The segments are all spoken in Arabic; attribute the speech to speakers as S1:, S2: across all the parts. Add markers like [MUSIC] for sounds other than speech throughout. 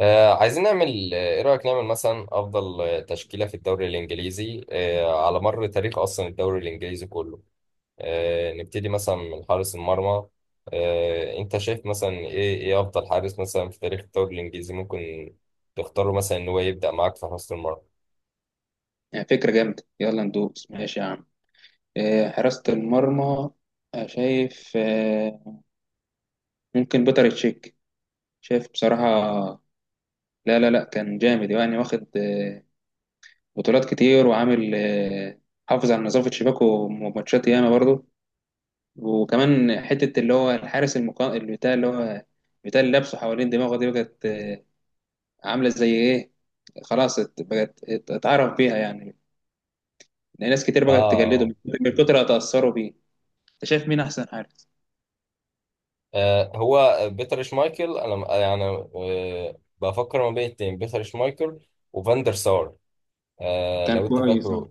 S1: عايزين نعمل، ايه رأيك نعمل مثلا افضل تشكيلة في الدوري الانجليزي على مر تاريخ، اصلا الدوري الانجليزي كله. نبتدي مثلا من حارس المرمى. انت شايف مثلا ايه افضل حارس مثلا في تاريخ الدوري الانجليزي، ممكن تختاره مثلا ان هو يبدأ معاك في حراسة المرمى؟
S2: يعني فكرة جامدة يلا ندوس ماشي يا عم. حراسة المرمى. شايف، ممكن بيتر تشيك. شايف بصراحة. لا لا لا كان جامد يعني واخد بطولات كتير وعامل حافظ على نظافة شباكه ماتشات ياما برضه. وكمان حتة اللي هو الحارس اللي بتاع اللي هو بتاع اللي لابسه حوالين دماغه دي بقت عاملة زي إيه. خلاص بقت اتعرف بيها يعني. لأن ناس كتير
S1: اه
S2: بقت تجلده
S1: اه.
S2: من كتر ما تأثروا بيه. أنت شايف مين أحسن حارس؟
S1: هو بيتر شمايكل، انا يعني بفكر ما بين اتنين، بيتر شمايكل وفاندر سار.
S2: كان
S1: لو انت
S2: كويس، اه.
S1: فاكره.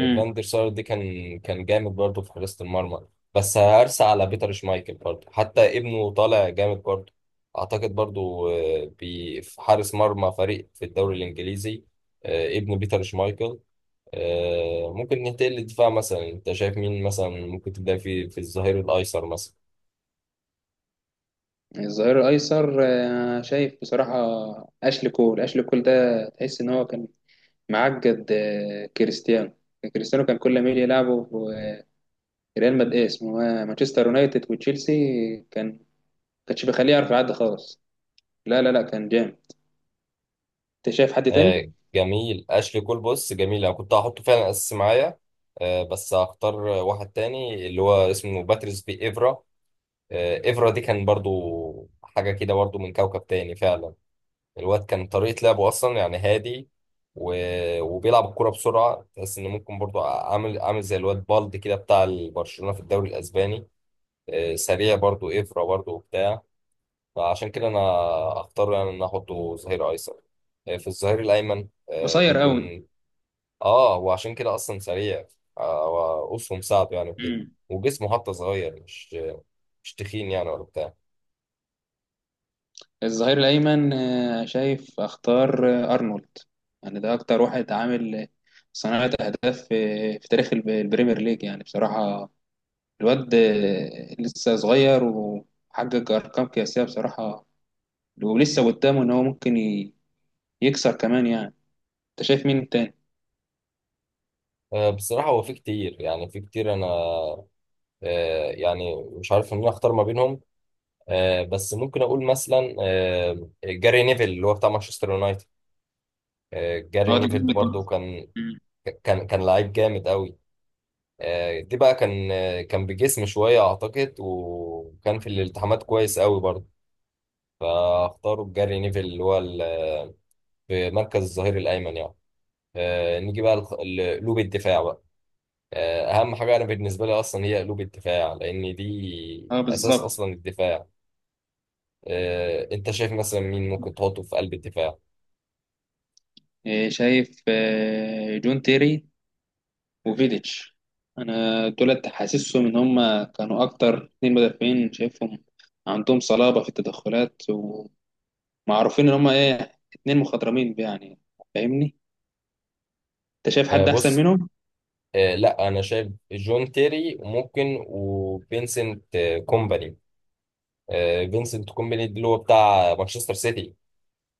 S2: امم.
S1: فاندر سار دي كان جامد برضه في حراسة المرمى، بس هرسى على بيتر شمايكل برضه، حتى ابنه طالع جامد برضه اعتقد برضه. في حارس مرمى فريق في الدوري الانجليزي، ابن بيتر شمايكل. ممكن ننتقل للدفاع. مثلا انت شايف مين مثلا ممكن تبدا في الظهير الايسر مثلا؟
S2: الظهير الايسر، شايف بصراحه. اشلي كول ده تحس ان هو كان معقد كريستيانو. كريستيانو كان كل ما يجي يلعبه في ريال مدريد اسمه مانشستر يونايتد وتشيلسي. كان كانش بيخليه يعرف يعدي خالص. لا لا لا كان جامد. انت شايف حد تاني؟
S1: جميل، اشلي كول بص، جميل، انا كنت هحطه فعلا اساسي معايا، بس هختار واحد تاني اللي هو اسمه باتريس بي ايفرا. افرا دي كان برضو حاجة كده، برضو من كوكب تاني فعلا. الواد كان طريقة لعبه أصلا يعني هادي، و... وبيلعب الكرة بسرعة، تحس إن ممكن برضو عامل زي الواد بالدي كده بتاع برشلونة في الدوري الأسباني. سريع برضو إفرا برضو وبتاع، فعشان كده أنا أختار يعني إن أنا أحطه ظهير أيسر. في الظهير الأيمن
S2: قصير قوي.
S1: ممكن. اه، وعشان كده اصلا سريع، آه وقصه مساعده يعني وكده،
S2: امم.
S1: وجسمه حتى صغير، مش تخين يعني ولا بتاع.
S2: الظهير الايمن، شايف اختار ارنولد. يعني ده اكتر واحد عامل صناعه اهداف في تاريخ البريمير ليج يعني بصراحه. الواد لسه صغير وحقق أرقام قياسية بصراحة. ولسه قدامه إن هو ممكن يكسر كمان يعني. أنت شايف مين تاني؟
S1: بصراحة هو في كتير يعني، في كتير انا يعني مش عارف ان انا اختار ما بينهم. بس ممكن اقول مثلا جاري نيفل اللي هو بتاع مانشستر يونايتد. جاري
S2: اه، ده
S1: نيفل ده
S2: جامد
S1: برضه
S2: برضه.
S1: كان،
S2: مم.
S1: كان لعيب جامد قوي. دي بقى كان كان بجسم شوية أعتقد، وكان في الالتحامات كويس قوي برضه، فاختاروا بجاري نيفل اللي هو في مركز الظهير الأيمن يعني. نيجي بقى لقلوب الدفاع بقى. أهم حاجة أنا بالنسبة لي أصلا هي قلوب الدفاع، لأن دي
S2: اه
S1: أساس
S2: بالظبط.
S1: أصلا الدفاع. أنت شايف مثلا مين ممكن تحطه في قلب الدفاع؟
S2: شايف جون تيري وفيديتش. أنا دولت حاسسهم إن هما كانوا أكتر 2 مدافعين شايفهم عندهم صلابة في التدخلات ومعروفين إن هما إيه 2 مخضرمين يعني. فاهمني؟ أنت شايف حد أحسن
S1: بص،
S2: منهم؟
S1: لا أنا شايف جون تيري ممكن، وفينسنت كومباني. فينسنت كومباني اللي هو بتاع مانشستر سيتي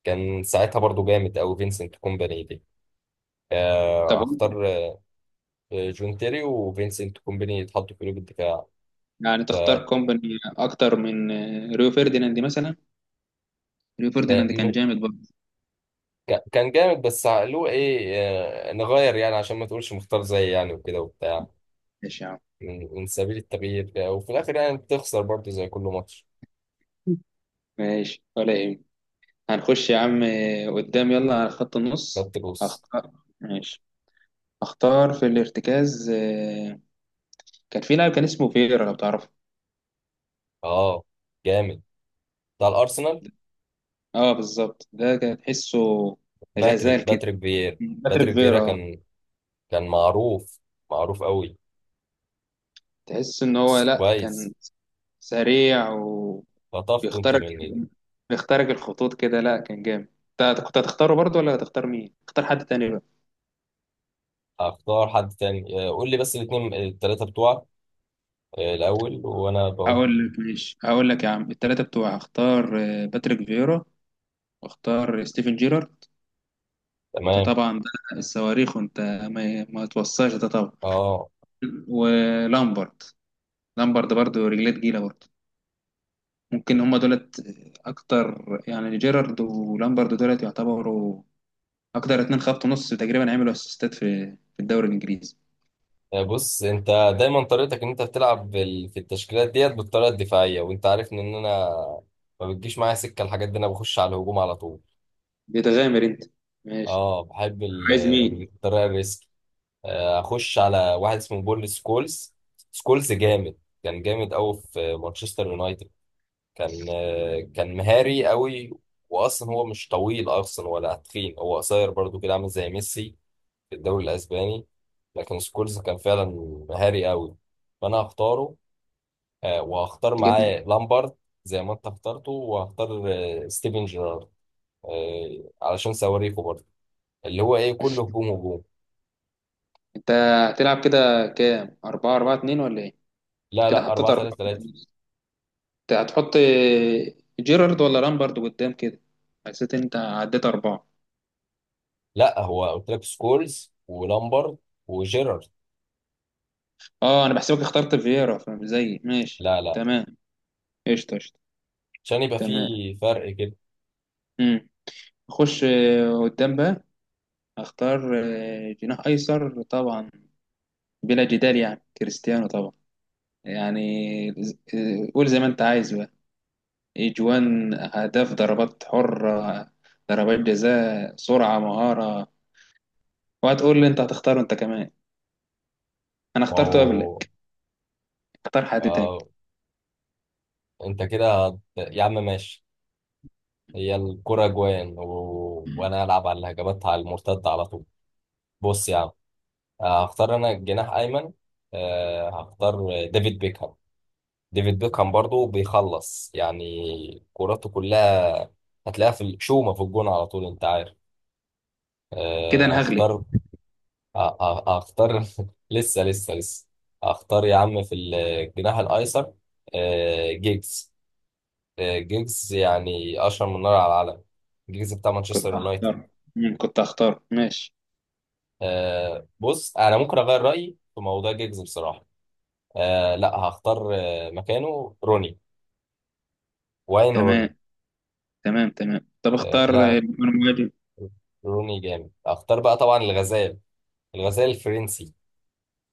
S1: كان ساعتها برضو جامد أوي، فينسنت كومباني دي.
S2: طب،
S1: هختار جون تيري وفينسنت كومباني يتحطوا في قلوب الدفاع.
S2: يعني تختار
S1: آه،
S2: كومباني اكتر من ريو فerdinand مثلا؟ ريو فerdinand كان
S1: م-
S2: جامد برضه.
S1: كان جامد بس له ايه، نغير يعني عشان ما تقولش مختار زي يعني وكده وبتاع،
S2: ماشي يا عم.
S1: من سبيل التغيير. وفي الاخر يعني بتخسر برضه زي كل ماتش.
S2: ماشي ولا ايه. هنخش يا عم قدام يلا على خط النص.
S1: خدت جوز.
S2: هختار ماشي. اختار في الارتكاز، كان في لاعب كان اسمه فيرا لو تعرفه.
S1: اه، جامد، بتاع الارسنال.
S2: اه بالظبط ده كان تحسه
S1: باتريك
S2: غزال كده.
S1: باتريك فييرا.
S2: مغرب
S1: باتريك فييرا
S2: فيرا.
S1: كان معروف قوي،
S2: تحس ان هو
S1: بس
S2: لا كان
S1: كويس.
S2: سريع
S1: خطفته انت
S2: بيختارك
S1: من.
S2: بيختارك الخطوط كده، لا كان جامد. انت كنت هتختاره برضه ولا هتختار مين؟ اختار حد تاني بقى.
S1: هختار حد تاني. قول لي بس الاثنين الثلاثة بتوعك الأول وأنا بقول.
S2: هقول لك ماشي، هقول لك يا عم التلاتة بتوع، اختار باتريك فيرا واختار ستيفن جيرارد. انت
S1: تمام.
S2: طبعا ده الصواريخ وانت ما توصاش ده طبعا.
S1: اه.
S2: ولامبرد. لامبرد برضه رجليه تقيلة برضه. ممكن هما دولت اكتر يعني، جيرارد ولامبرد دولت يعتبروا اكتر 2 خط نص تقريبا عملوا اسيستات في الدوري الانجليزي.
S1: بص أنت دايما طريقتك إن أنت بتلعب في التشكيلات ديت بالطريقة الدفاعية، وأنت عارف إن أنا ما بتجيش معايا سكة الحاجات دي، أنا بخش على الهجوم على طول.
S2: بتغامر انت. ماشي.
S1: اه، بحب
S2: عايز مين؟
S1: الطريقة الريسك. أخش على واحد اسمه بول سكولز. سكولز جامد، كان جامد أوي في مانشستر يونايتد، كان كان مهاري قوي، واصلا هو مش طويل اصلا ولا تخين، هو قصير برضو كده عامل زي ميسي في الدوري الاسباني، لكن سكولز كان فعلا مهاري قوي، فانا هختاره. وهختار
S2: جدا.
S1: معاه لامبارد، زي ما انت اخترته، وهختار ستيفن جيرارد علشان صواريخه برضه، اللي هو ايه كله هجوم هجوم.
S2: انت هتلعب كده كام، 4-4-2، ولا ايه؟ انت
S1: لا
S2: كده
S1: لا،
S2: حطيت
S1: 4 3
S2: 4 في
S1: 3
S2: النص. انت هتحط جيرارد ولا لامبرد قدام كده؟ حسيت انت عديت 4.
S1: لا، هو قلت لك سكولز ولامبارد وجيرارد.
S2: اه، انا بحسبك اخترت فييرا فمش زيي ماشي.
S1: لا لا،
S2: تمام. قشطة قشطة.
S1: عشان يبقى في
S2: تمام.
S1: فرق كده.
S2: امم. اخش قدام بقى. اختار جناح ايسر طبعا، بلا جدال يعني كريستيانو طبعا يعني، قول زي ما انت عايز: اجوان، اهداف، ضربات حره، ضربات جزاء، سرعه، مهاره. وهتقول لي انت هتختاره انت كمان؟ انا
S1: ما
S2: اخترته
S1: هو
S2: قبلك. اختار حد تاني.
S1: آه، انت كده يا عم ماشي، هي الكرة جوان، وانا العب على الهجمات على المرتد على طول. بص يا عم، هختار انا جناح ايمن. هختار ديفيد بيكهام. ديفيد بيكهام برضو بيخلص يعني كوراته كلها، هتلاقيها في الشومة في الجون على طول انت عارف.
S2: كده
S1: آه،
S2: انا هغلب.
S1: هختار آه، آه، هختار [LAUGHS] لسه لسه لسه. هختار يا عم في الجناح الايسر جيجز. جيجز يعني اشهر من نار على العلم، جيجز بتاع مانشستر
S2: كنت
S1: يونايتد.
S2: هختار، كنت هختار ماشي.
S1: بص انا ممكن اغير رايي في موضوع جيجز بصراحه. لا، هختار مكانه روني، واين
S2: تمام.
S1: روني.
S2: تمام تمام. طب اختار
S1: لا،
S2: بدون مهاجم.
S1: روني جامد، هختار بقى طبعا الغزال، الغزال الفرنسي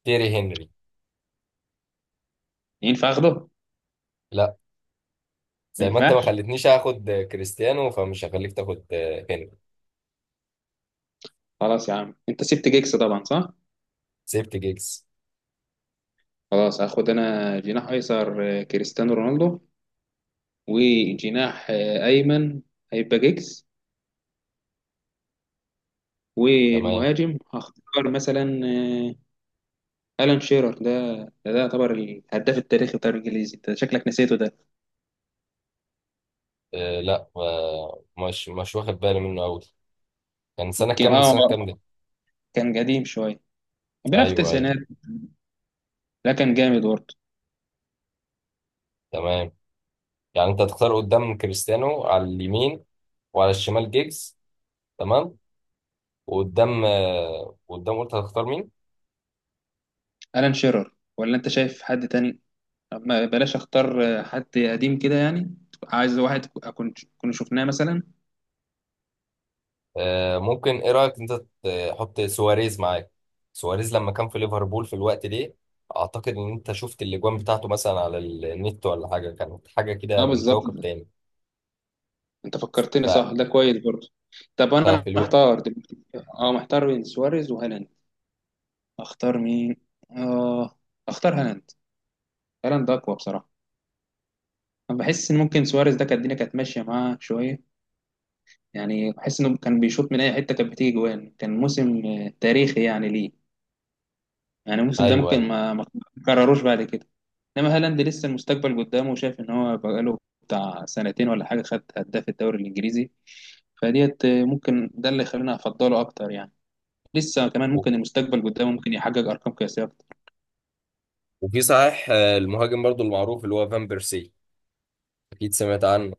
S1: تيري هنري.
S2: ينفع اخده؟
S1: لا،
S2: ما
S1: زي ما انت ما
S2: ينفعش.
S1: خلتنيش اخد كريستيانو، فمش هخليك تاخد هنري.
S2: خلاص يا عم انت سبت جيكس طبعا، صح؟
S1: سيبت جيجز.
S2: خلاص هاخد انا جناح ايسر كريستيانو رونالدو. وجناح ايمن هيبقى جيكس.
S1: تمام.
S2: والمهاجم هختار مثلا الان شيرر ده. ده يعتبر الهداف التاريخي بتاع الانجليزي، انت شكلك نسيته ده.
S1: لا مش واخد بالي منه قوي. كان سنه
S2: يمكن،
S1: كام؟
S2: اه.
S1: سنه كام دي؟
S2: كان قديم شويه، كان بيلعب في
S1: ايوه ايوه.
S2: التسعينات. لا كان جامد برضه.
S1: تمام. يعني انت هتختار قدام كريستيانو على اليمين، وعلى الشمال جيجز. تمام. وقدام آه، قدام قلت هتختار مين؟
S2: الان شيرر ولا انت شايف حد تاني؟ ما بلاش اختار حد قديم كده يعني. عايز واحد اكون كنا شفناه مثلا.
S1: ممكن، ايه رايك انت تحط سواريز معاك؟ سواريز لما كان في ليفربول في الوقت ده، اعتقد ان انت شفت الاجوان بتاعته مثلا على النت ولا حاجه، كانت حاجه كده
S2: اه
S1: من
S2: بالظبط،
S1: كوكب تاني.
S2: انت
S1: ف...
S2: فكرتني، صح ده كويس برضه. طب انا
S1: ففي الوقت،
S2: محتار دلوقتي. اه، محتار بين سواريز وهالاند. اختار مين؟ اه. اختار هالاند. هالاند اقوى بصراحه. انا بحس ان ممكن سواريز ده كانت الدنيا كانت ماشيه معاه شويه. يعني بحس انه كان بيشوط من اي حته كانت بتيجي جوان، كان موسم تاريخي يعني ليه. يعني الموسم ده
S1: ايوه ايوه.
S2: ممكن ما تكرروش بعد كده. انما هالاند لسه المستقبل قدامه، وشايف ان هو بقاله بتاع سنتين ولا حاجه خد هداف الدوري الانجليزي، فديت ممكن ده اللي يخليني افضله اكتر يعني. لسه كمان
S1: و-
S2: ممكن المستقبل قدامه ممكن يحقق ارقام قياسيه اكتر.
S1: وفي صحيح المهاجم برضو المعروف اللي هو فان بيرسي، اكيد سمعت عنه.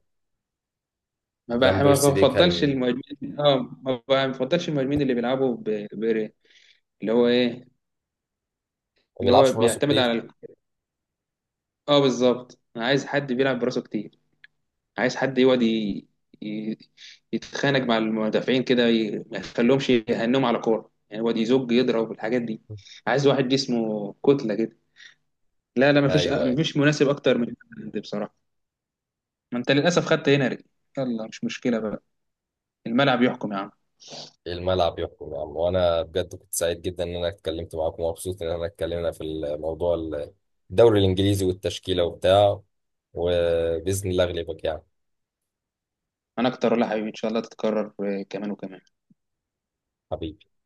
S1: فان
S2: ما
S1: بيرسي ده
S2: بفضلش
S1: كان
S2: المهاجمين، اه. ما بفضلش المهاجمين اللي بيلعبوا ب... اللي هو ايه،
S1: ما
S2: اللي هو
S1: بيلعبش براسه
S2: بيعتمد على
S1: كتير.
S2: اه بالظبط، انا عايز حد بيلعب براسه كتير. عايز حد يقعد ي... يتخانق مع المدافعين كده، ما يخليهمش يهنهم على كوره، يعني يقعد يزج يضرب الحاجات دي. عايز واحد جسمه كتله كده. لا لا مفيش آه،
S1: ايوه ايوه.
S2: مفيش مناسب اكتر من ده بصراحه. ما انت للاسف خدت هنري. يلا مش مشكله بقى. الملعب يحكم يا عم.
S1: الملعب يحكم يا عم، وانا بجد كنت سعيد جدا ان انا اتكلمت معاكم، ومبسوط ان انا اتكلمنا في الموضوع، الدوري الانجليزي والتشكيله وبتاع، وباذن الله اغلبك يعني.
S2: انا اكتر ولا حبيبي ان شاء الله تتكرر كمان وكمان.
S1: حبيبي.